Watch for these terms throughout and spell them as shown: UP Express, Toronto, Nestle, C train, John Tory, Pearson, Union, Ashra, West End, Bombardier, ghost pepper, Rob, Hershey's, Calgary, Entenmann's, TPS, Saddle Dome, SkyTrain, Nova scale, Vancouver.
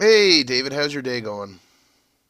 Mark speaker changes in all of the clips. Speaker 1: Hey, David, how's your day going?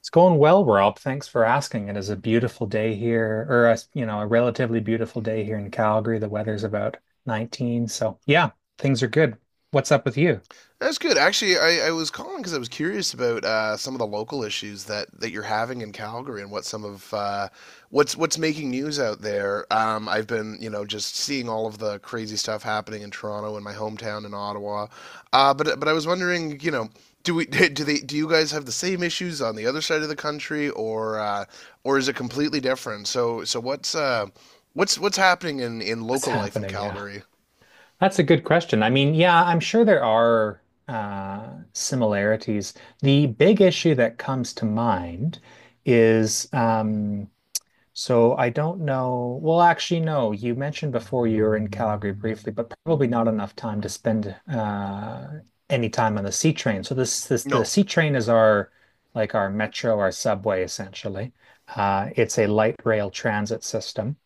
Speaker 2: It's going well, Rob. Thanks for asking. It is a beautiful day here, or a relatively beautiful day here in Calgary. The weather's about 19, so yeah, things are good. What's up with you?
Speaker 1: That's good. Actually, I was calling because I was curious about some of the local issues that you're having in Calgary and what some of what's making news out there. I've been, you know, just seeing all of the crazy stuff happening in Toronto and my hometown in Ottawa. But I was wondering, you know, do we do you guys have the same issues on the other side of the country, or is it completely different? So what's what's happening in
Speaker 2: What's
Speaker 1: local life in
Speaker 2: happening? Yeah,
Speaker 1: Calgary?
Speaker 2: that's a good question. I mean, yeah, I'm sure there are similarities. The big issue that comes to mind is, so I don't know. Well, actually, no. You mentioned before you were in Calgary briefly, but probably not enough time to spend any time on the C train. So this the
Speaker 1: No.
Speaker 2: C train is our, like, our metro, our subway, essentially. It's a light rail transit system,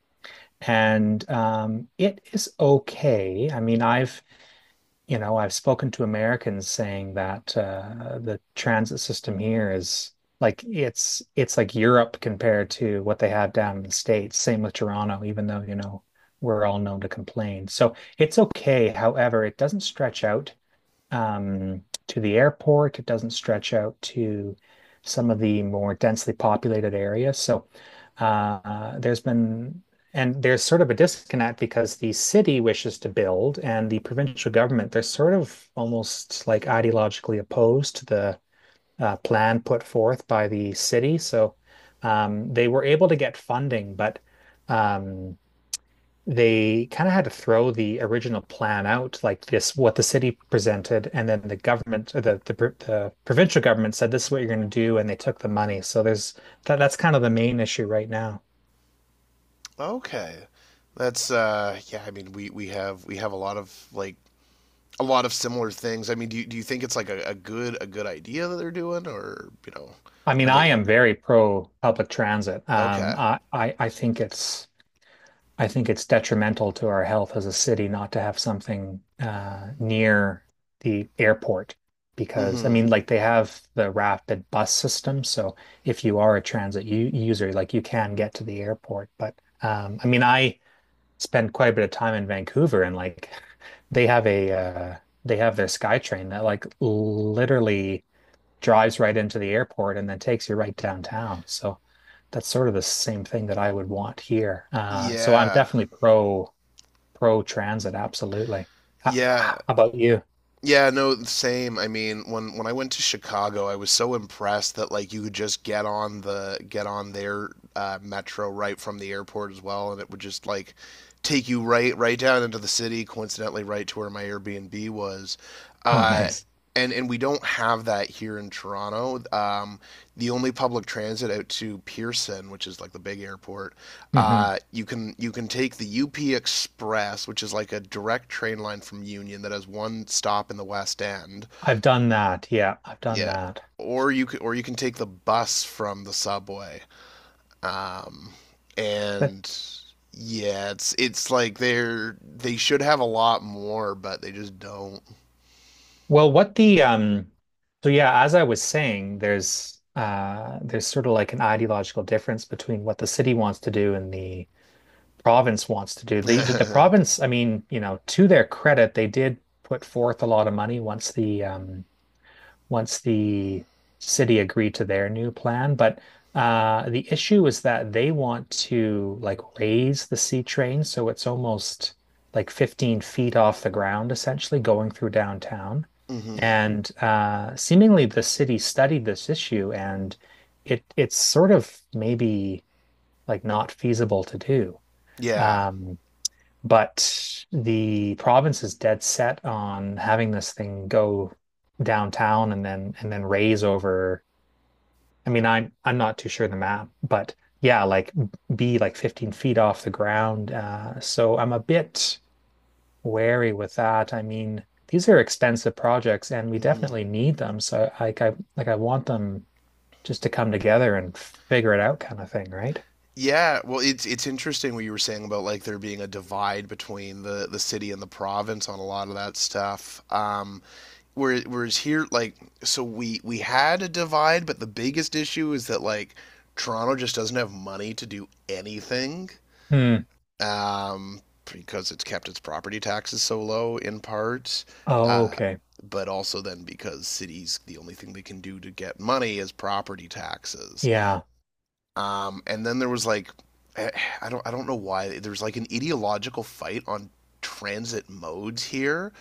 Speaker 2: and it is okay. I mean, I've spoken to Americans saying that the transit system here is like it's like Europe compared to what they have down in the States. Same with Toronto, even though, you know, we're all known to complain. So it's okay. However, it doesn't stretch out to the airport. It doesn't stretch out to some of the more densely populated areas. So there's been, and there's sort of a disconnect because the city wishes to build and the provincial government, they're sort of almost like ideologically opposed to the plan put forth by the city. So they were able to get funding, but um, they kind of had to throw the original plan out, like this, what the city presented, and then the government, or the provincial government said this is what you're going to do, and they took the money. So there's that, that's kind of the main issue right now.
Speaker 1: Okay. That's uh, yeah, I mean we have we have a lot of like a lot of similar things. I mean, do you think it's like a, a good idea that they're doing, or, you know,
Speaker 2: I mean,
Speaker 1: are
Speaker 2: I
Speaker 1: they
Speaker 2: am very pro public transit.
Speaker 1: okay.
Speaker 2: I think it's detrimental to our health as a city not to have something near the airport, because I
Speaker 1: Mhm.
Speaker 2: mean, like they have the rapid bus system, so if you are a transit u user, like you can get to the airport. But I mean, I spend quite a bit of time in Vancouver, and like they have a uh, they have their SkyTrain that like literally drives right into the airport and then takes you right downtown. So that's sort of the same thing that I would want here. So I'm
Speaker 1: Yeah.
Speaker 2: definitely pro transit, absolutely. How
Speaker 1: Yeah.
Speaker 2: about you?
Speaker 1: Yeah, no, same. I mean, when I went to Chicago, I was so impressed that like you could just get on their metro right from the airport as well, and it would just like take you right down into the city, coincidentally right to where my Airbnb was.
Speaker 2: Oh,
Speaker 1: Uh,
Speaker 2: nice.
Speaker 1: and we don't have that here in Toronto. The only public transit out to Pearson, which is like the big airport,
Speaker 2: Hmm.
Speaker 1: you can take the UP Express, which is like a direct train line from Union that has one stop in the West End.
Speaker 2: I've done that. Yeah, I've done
Speaker 1: Yeah,
Speaker 2: that.
Speaker 1: or you can take the bus from the subway. Um,
Speaker 2: But,
Speaker 1: and yeah, it's like they should have a lot more, but they just don't.
Speaker 2: well, what the so yeah, as I was saying, there's sort of like an ideological difference between what the city wants to do and the province wants to do. The province, I mean, you know, to their credit, they did put forth a lot of money once the city agreed to their new plan. But the issue is that they want to like raise the C train so it's almost like 15 feet off the ground, essentially going through downtown.
Speaker 1: Hmm.
Speaker 2: And seemingly the city studied this issue and it's sort of maybe like not feasible to do.
Speaker 1: Yeah.
Speaker 2: Um, but the province is dead set on having this thing go downtown and then raise over. I mean, I'm not too sure the map, but yeah, like be like 15 feet off the ground. So I'm a bit wary with that. I mean, these are expensive projects and we
Speaker 1: Hmm.
Speaker 2: definitely need them. So, like, I want them just to come together and figure it out kind of thing, right?
Speaker 1: Yeah, well, it's interesting what you were saying about like there being a divide between the city and the province on a lot of that stuff. Whereas here, like, so we had a divide, but the biggest issue is that like Toronto just doesn't have money to do anything,
Speaker 2: Hmm.
Speaker 1: um, because it's kept its property taxes so low in part,
Speaker 2: Oh,
Speaker 1: uh,
Speaker 2: okay.
Speaker 1: but also then because cities, the only thing they can do to get money is property taxes.
Speaker 2: Yeah.
Speaker 1: And then there was like eh, I don't know why there was like an ideological fight on transit modes here,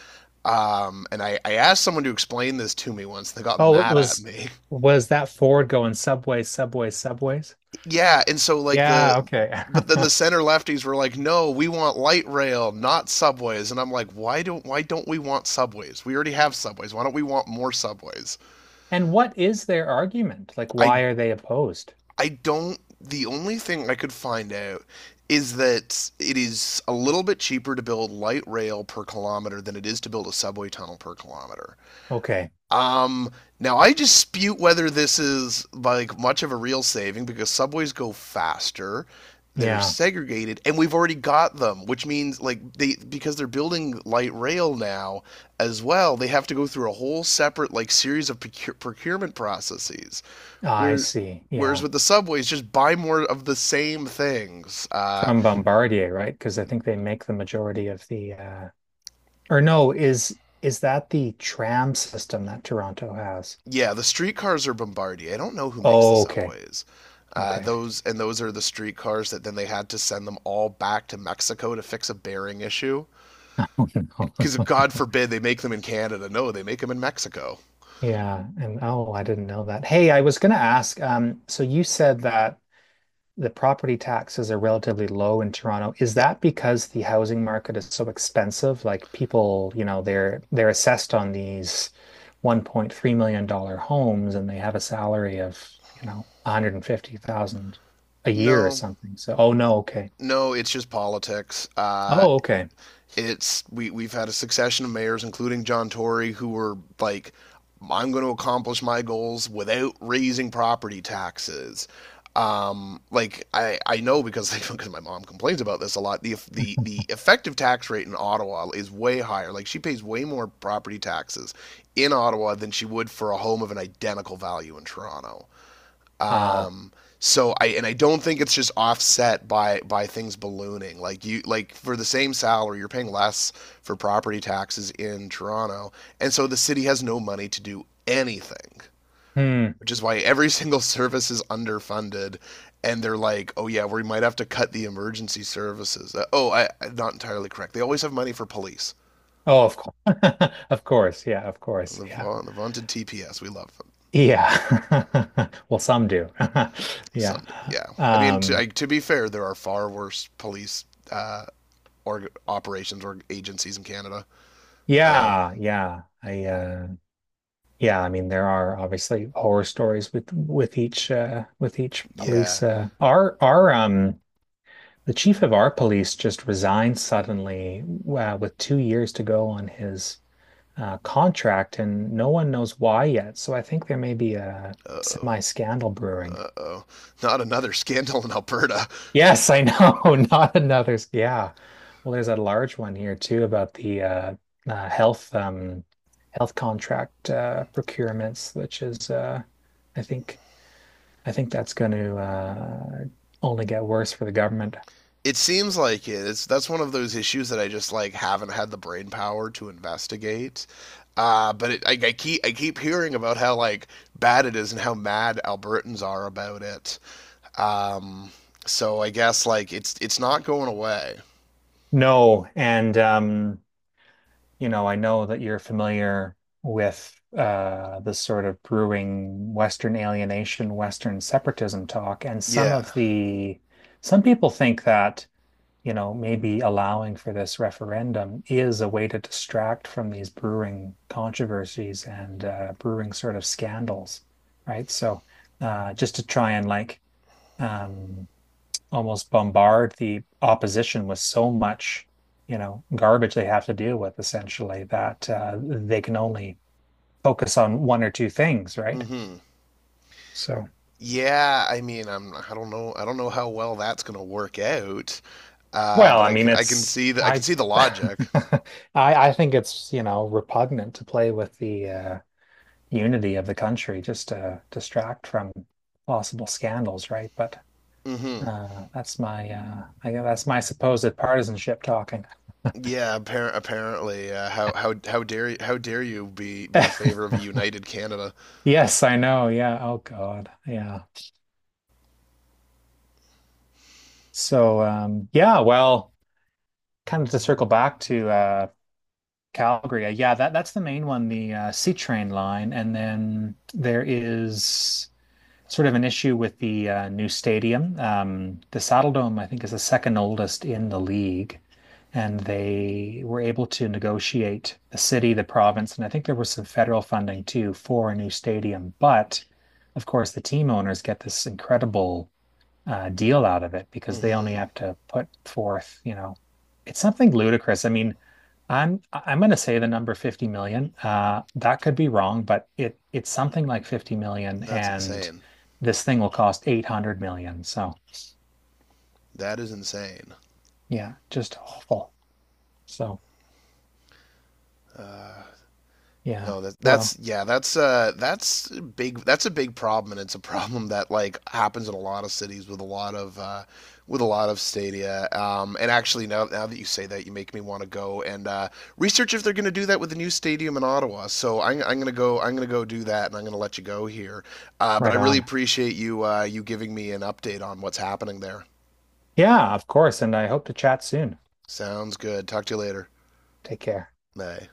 Speaker 1: and I asked someone to explain this to me once, they got
Speaker 2: Oh, it
Speaker 1: mad at
Speaker 2: was
Speaker 1: me.
Speaker 2: was that Ford going subways, subways, subways?
Speaker 1: Yeah, and so like
Speaker 2: Yeah, okay.
Speaker 1: then the center lefties were like, no, we want light rail, not subways, and I'm like, why don't we want subways, we already have subways, why don't we want more subways?
Speaker 2: And what is their argument? Like,
Speaker 1: i
Speaker 2: why are they opposed?
Speaker 1: i don't, the only thing I could find out is that it is a little bit cheaper to build light rail per kilometer than it is to build a subway tunnel per kilometer.
Speaker 2: Okay.
Speaker 1: Um, now I dispute whether this is like much of a real saving, because subways go faster, they're
Speaker 2: Yeah,
Speaker 1: segregated, and we've already got them, which means like they because they're building light rail now as well, they have to go through a whole separate like series of procurement processes
Speaker 2: I
Speaker 1: where.
Speaker 2: see.
Speaker 1: Whereas
Speaker 2: Yeah.
Speaker 1: with the subways, just buy more of the same things.
Speaker 2: From Bombardier, right? Because I think they make the majority of the or no, is that the tram system that Toronto has?
Speaker 1: Yeah, the streetcars are Bombardier. I don't know who makes the
Speaker 2: Oh, okay.
Speaker 1: subways.
Speaker 2: Okay.
Speaker 1: Those are the streetcars that then they had to send them all back to Mexico to fix a bearing issue.
Speaker 2: Oh, no.
Speaker 1: Because God forbid they make them in Canada. No, they make them in Mexico.
Speaker 2: Yeah, and oh, I didn't know that. Hey, I was gonna ask, so you said that the property taxes are relatively low in Toronto. Is
Speaker 1: Yeah.
Speaker 2: that because the housing market is so expensive? Like people, you know, they're assessed on these $1.3 million dollar homes and they have a salary of, you know, 150,000 a year or
Speaker 1: No,
Speaker 2: something. So, oh no, okay.
Speaker 1: no, it's just politics.
Speaker 2: Oh, okay.
Speaker 1: It's we've had a succession of mayors, including John Tory, who were like, "I'm going to accomplish my goals without raising property taxes." Like I know because like, because my mom complains about this a lot. The effective tax rate in Ottawa is way higher. Like she pays way more property taxes in Ottawa than she would for a home of an identical value in Toronto.
Speaker 2: Wow.
Speaker 1: So I don't think it's just offset by things ballooning. Like for the same salary, you're paying less for property taxes in Toronto, and so the city has no money to do anything,
Speaker 2: Hmm.
Speaker 1: which is why every single service is underfunded. And they're like, oh yeah, we might have to cut the emergency services. I'm not entirely correct. They always have money for police.
Speaker 2: Oh, of course. Of course. Yeah, of course.
Speaker 1: The,
Speaker 2: Yeah.
Speaker 1: va- the vaunted TPS, we love them.
Speaker 2: Yeah. Well, some do. Yeah.
Speaker 1: Some do. Yeah, I mean,
Speaker 2: Um,
Speaker 1: to be fair, there are far worse police uh, or operations or agencies in Canada. Um,
Speaker 2: yeah, yeah. I Yeah, I mean there are obviously horror stories with each
Speaker 1: yeah.
Speaker 2: police, our the chief of our police just resigned suddenly, with 2 years to go on his contract and no one knows why yet. So I think there may be a
Speaker 1: Uh oh.
Speaker 2: semi-scandal brewing.
Speaker 1: Uh oh. Not another scandal in Alberta.
Speaker 2: Yes, I know, not another. Yeah. Well, there's a large one here too about the uh health um health contract procurements, which is I think I think that's going to only get worse for the government.
Speaker 1: It seems like It's that's one of those issues that I just like haven't had the brain power to investigate. But I keep hearing about how like bad it is and how mad Albertans are about it. Um, so I guess like it's not going away.
Speaker 2: No, and I know that you're familiar with the sort of brewing Western alienation, Western separatism talk, and some
Speaker 1: Yeah.
Speaker 2: of the some people think that maybe allowing for this referendum is a way to distract from these brewing controversies and brewing sort of scandals, right? So just to try and like um, almost bombard the opposition with so much, garbage they have to deal with essentially that they can only focus on one or two things, right?
Speaker 1: Mm-hmm.
Speaker 2: So,
Speaker 1: Yeah, I mean, I'm, I don't know how well that's going to work out.
Speaker 2: well,
Speaker 1: But
Speaker 2: I
Speaker 1: I
Speaker 2: mean,
Speaker 1: can I can
Speaker 2: it's
Speaker 1: see the
Speaker 2: I
Speaker 1: logic.
Speaker 2: I I think it's, repugnant to play with the unity of the country just to distract from possible scandals, right? But,
Speaker 1: Hmm.
Speaker 2: that's my I guess that's my supposed partisanship talking.
Speaker 1: Yeah, apparently. How dare you be in favor of a united Canada?
Speaker 2: Yes, I know. Yeah. Oh God. Yeah. So, yeah, well, kind of to circle back to Calgary, yeah, that's the main one, the C train line, and then there is sort of an issue with the new stadium. The Saddle Dome, I think, is the second oldest in the league, and they were able to negotiate the city, the province, and I think there was some federal funding too for a new stadium. But of course, the team owners get this incredible deal out of it because they only
Speaker 1: Hmm.
Speaker 2: have to put forth, you know, it's something ludicrous. I mean, I'm going to say the number 50 million. That could be wrong, but it's something like 50 million,
Speaker 1: That's
Speaker 2: and
Speaker 1: insane.
Speaker 2: this thing will cost 800 million. So
Speaker 1: That is insane.
Speaker 2: yeah, just awful. So
Speaker 1: Uh,
Speaker 2: yeah,
Speaker 1: No, that
Speaker 2: well,
Speaker 1: that's yeah, that's uh, that's a big, that's a big problem, and it's a problem that like happens in a lot of cities with a lot of with a lot of stadia. Um, and actually, now that you say that, you make me want to go and uh, research if they're going to do that with the new stadium in Ottawa. So I'm going to go do that, and I'm going to let you go here. Uh, but I
Speaker 2: right
Speaker 1: really
Speaker 2: on.
Speaker 1: appreciate you uh, you giving me an update on what's happening there.
Speaker 2: Yeah, of course, and I hope to chat soon.
Speaker 1: Sounds good. Talk to you later.
Speaker 2: Take care.
Speaker 1: Bye.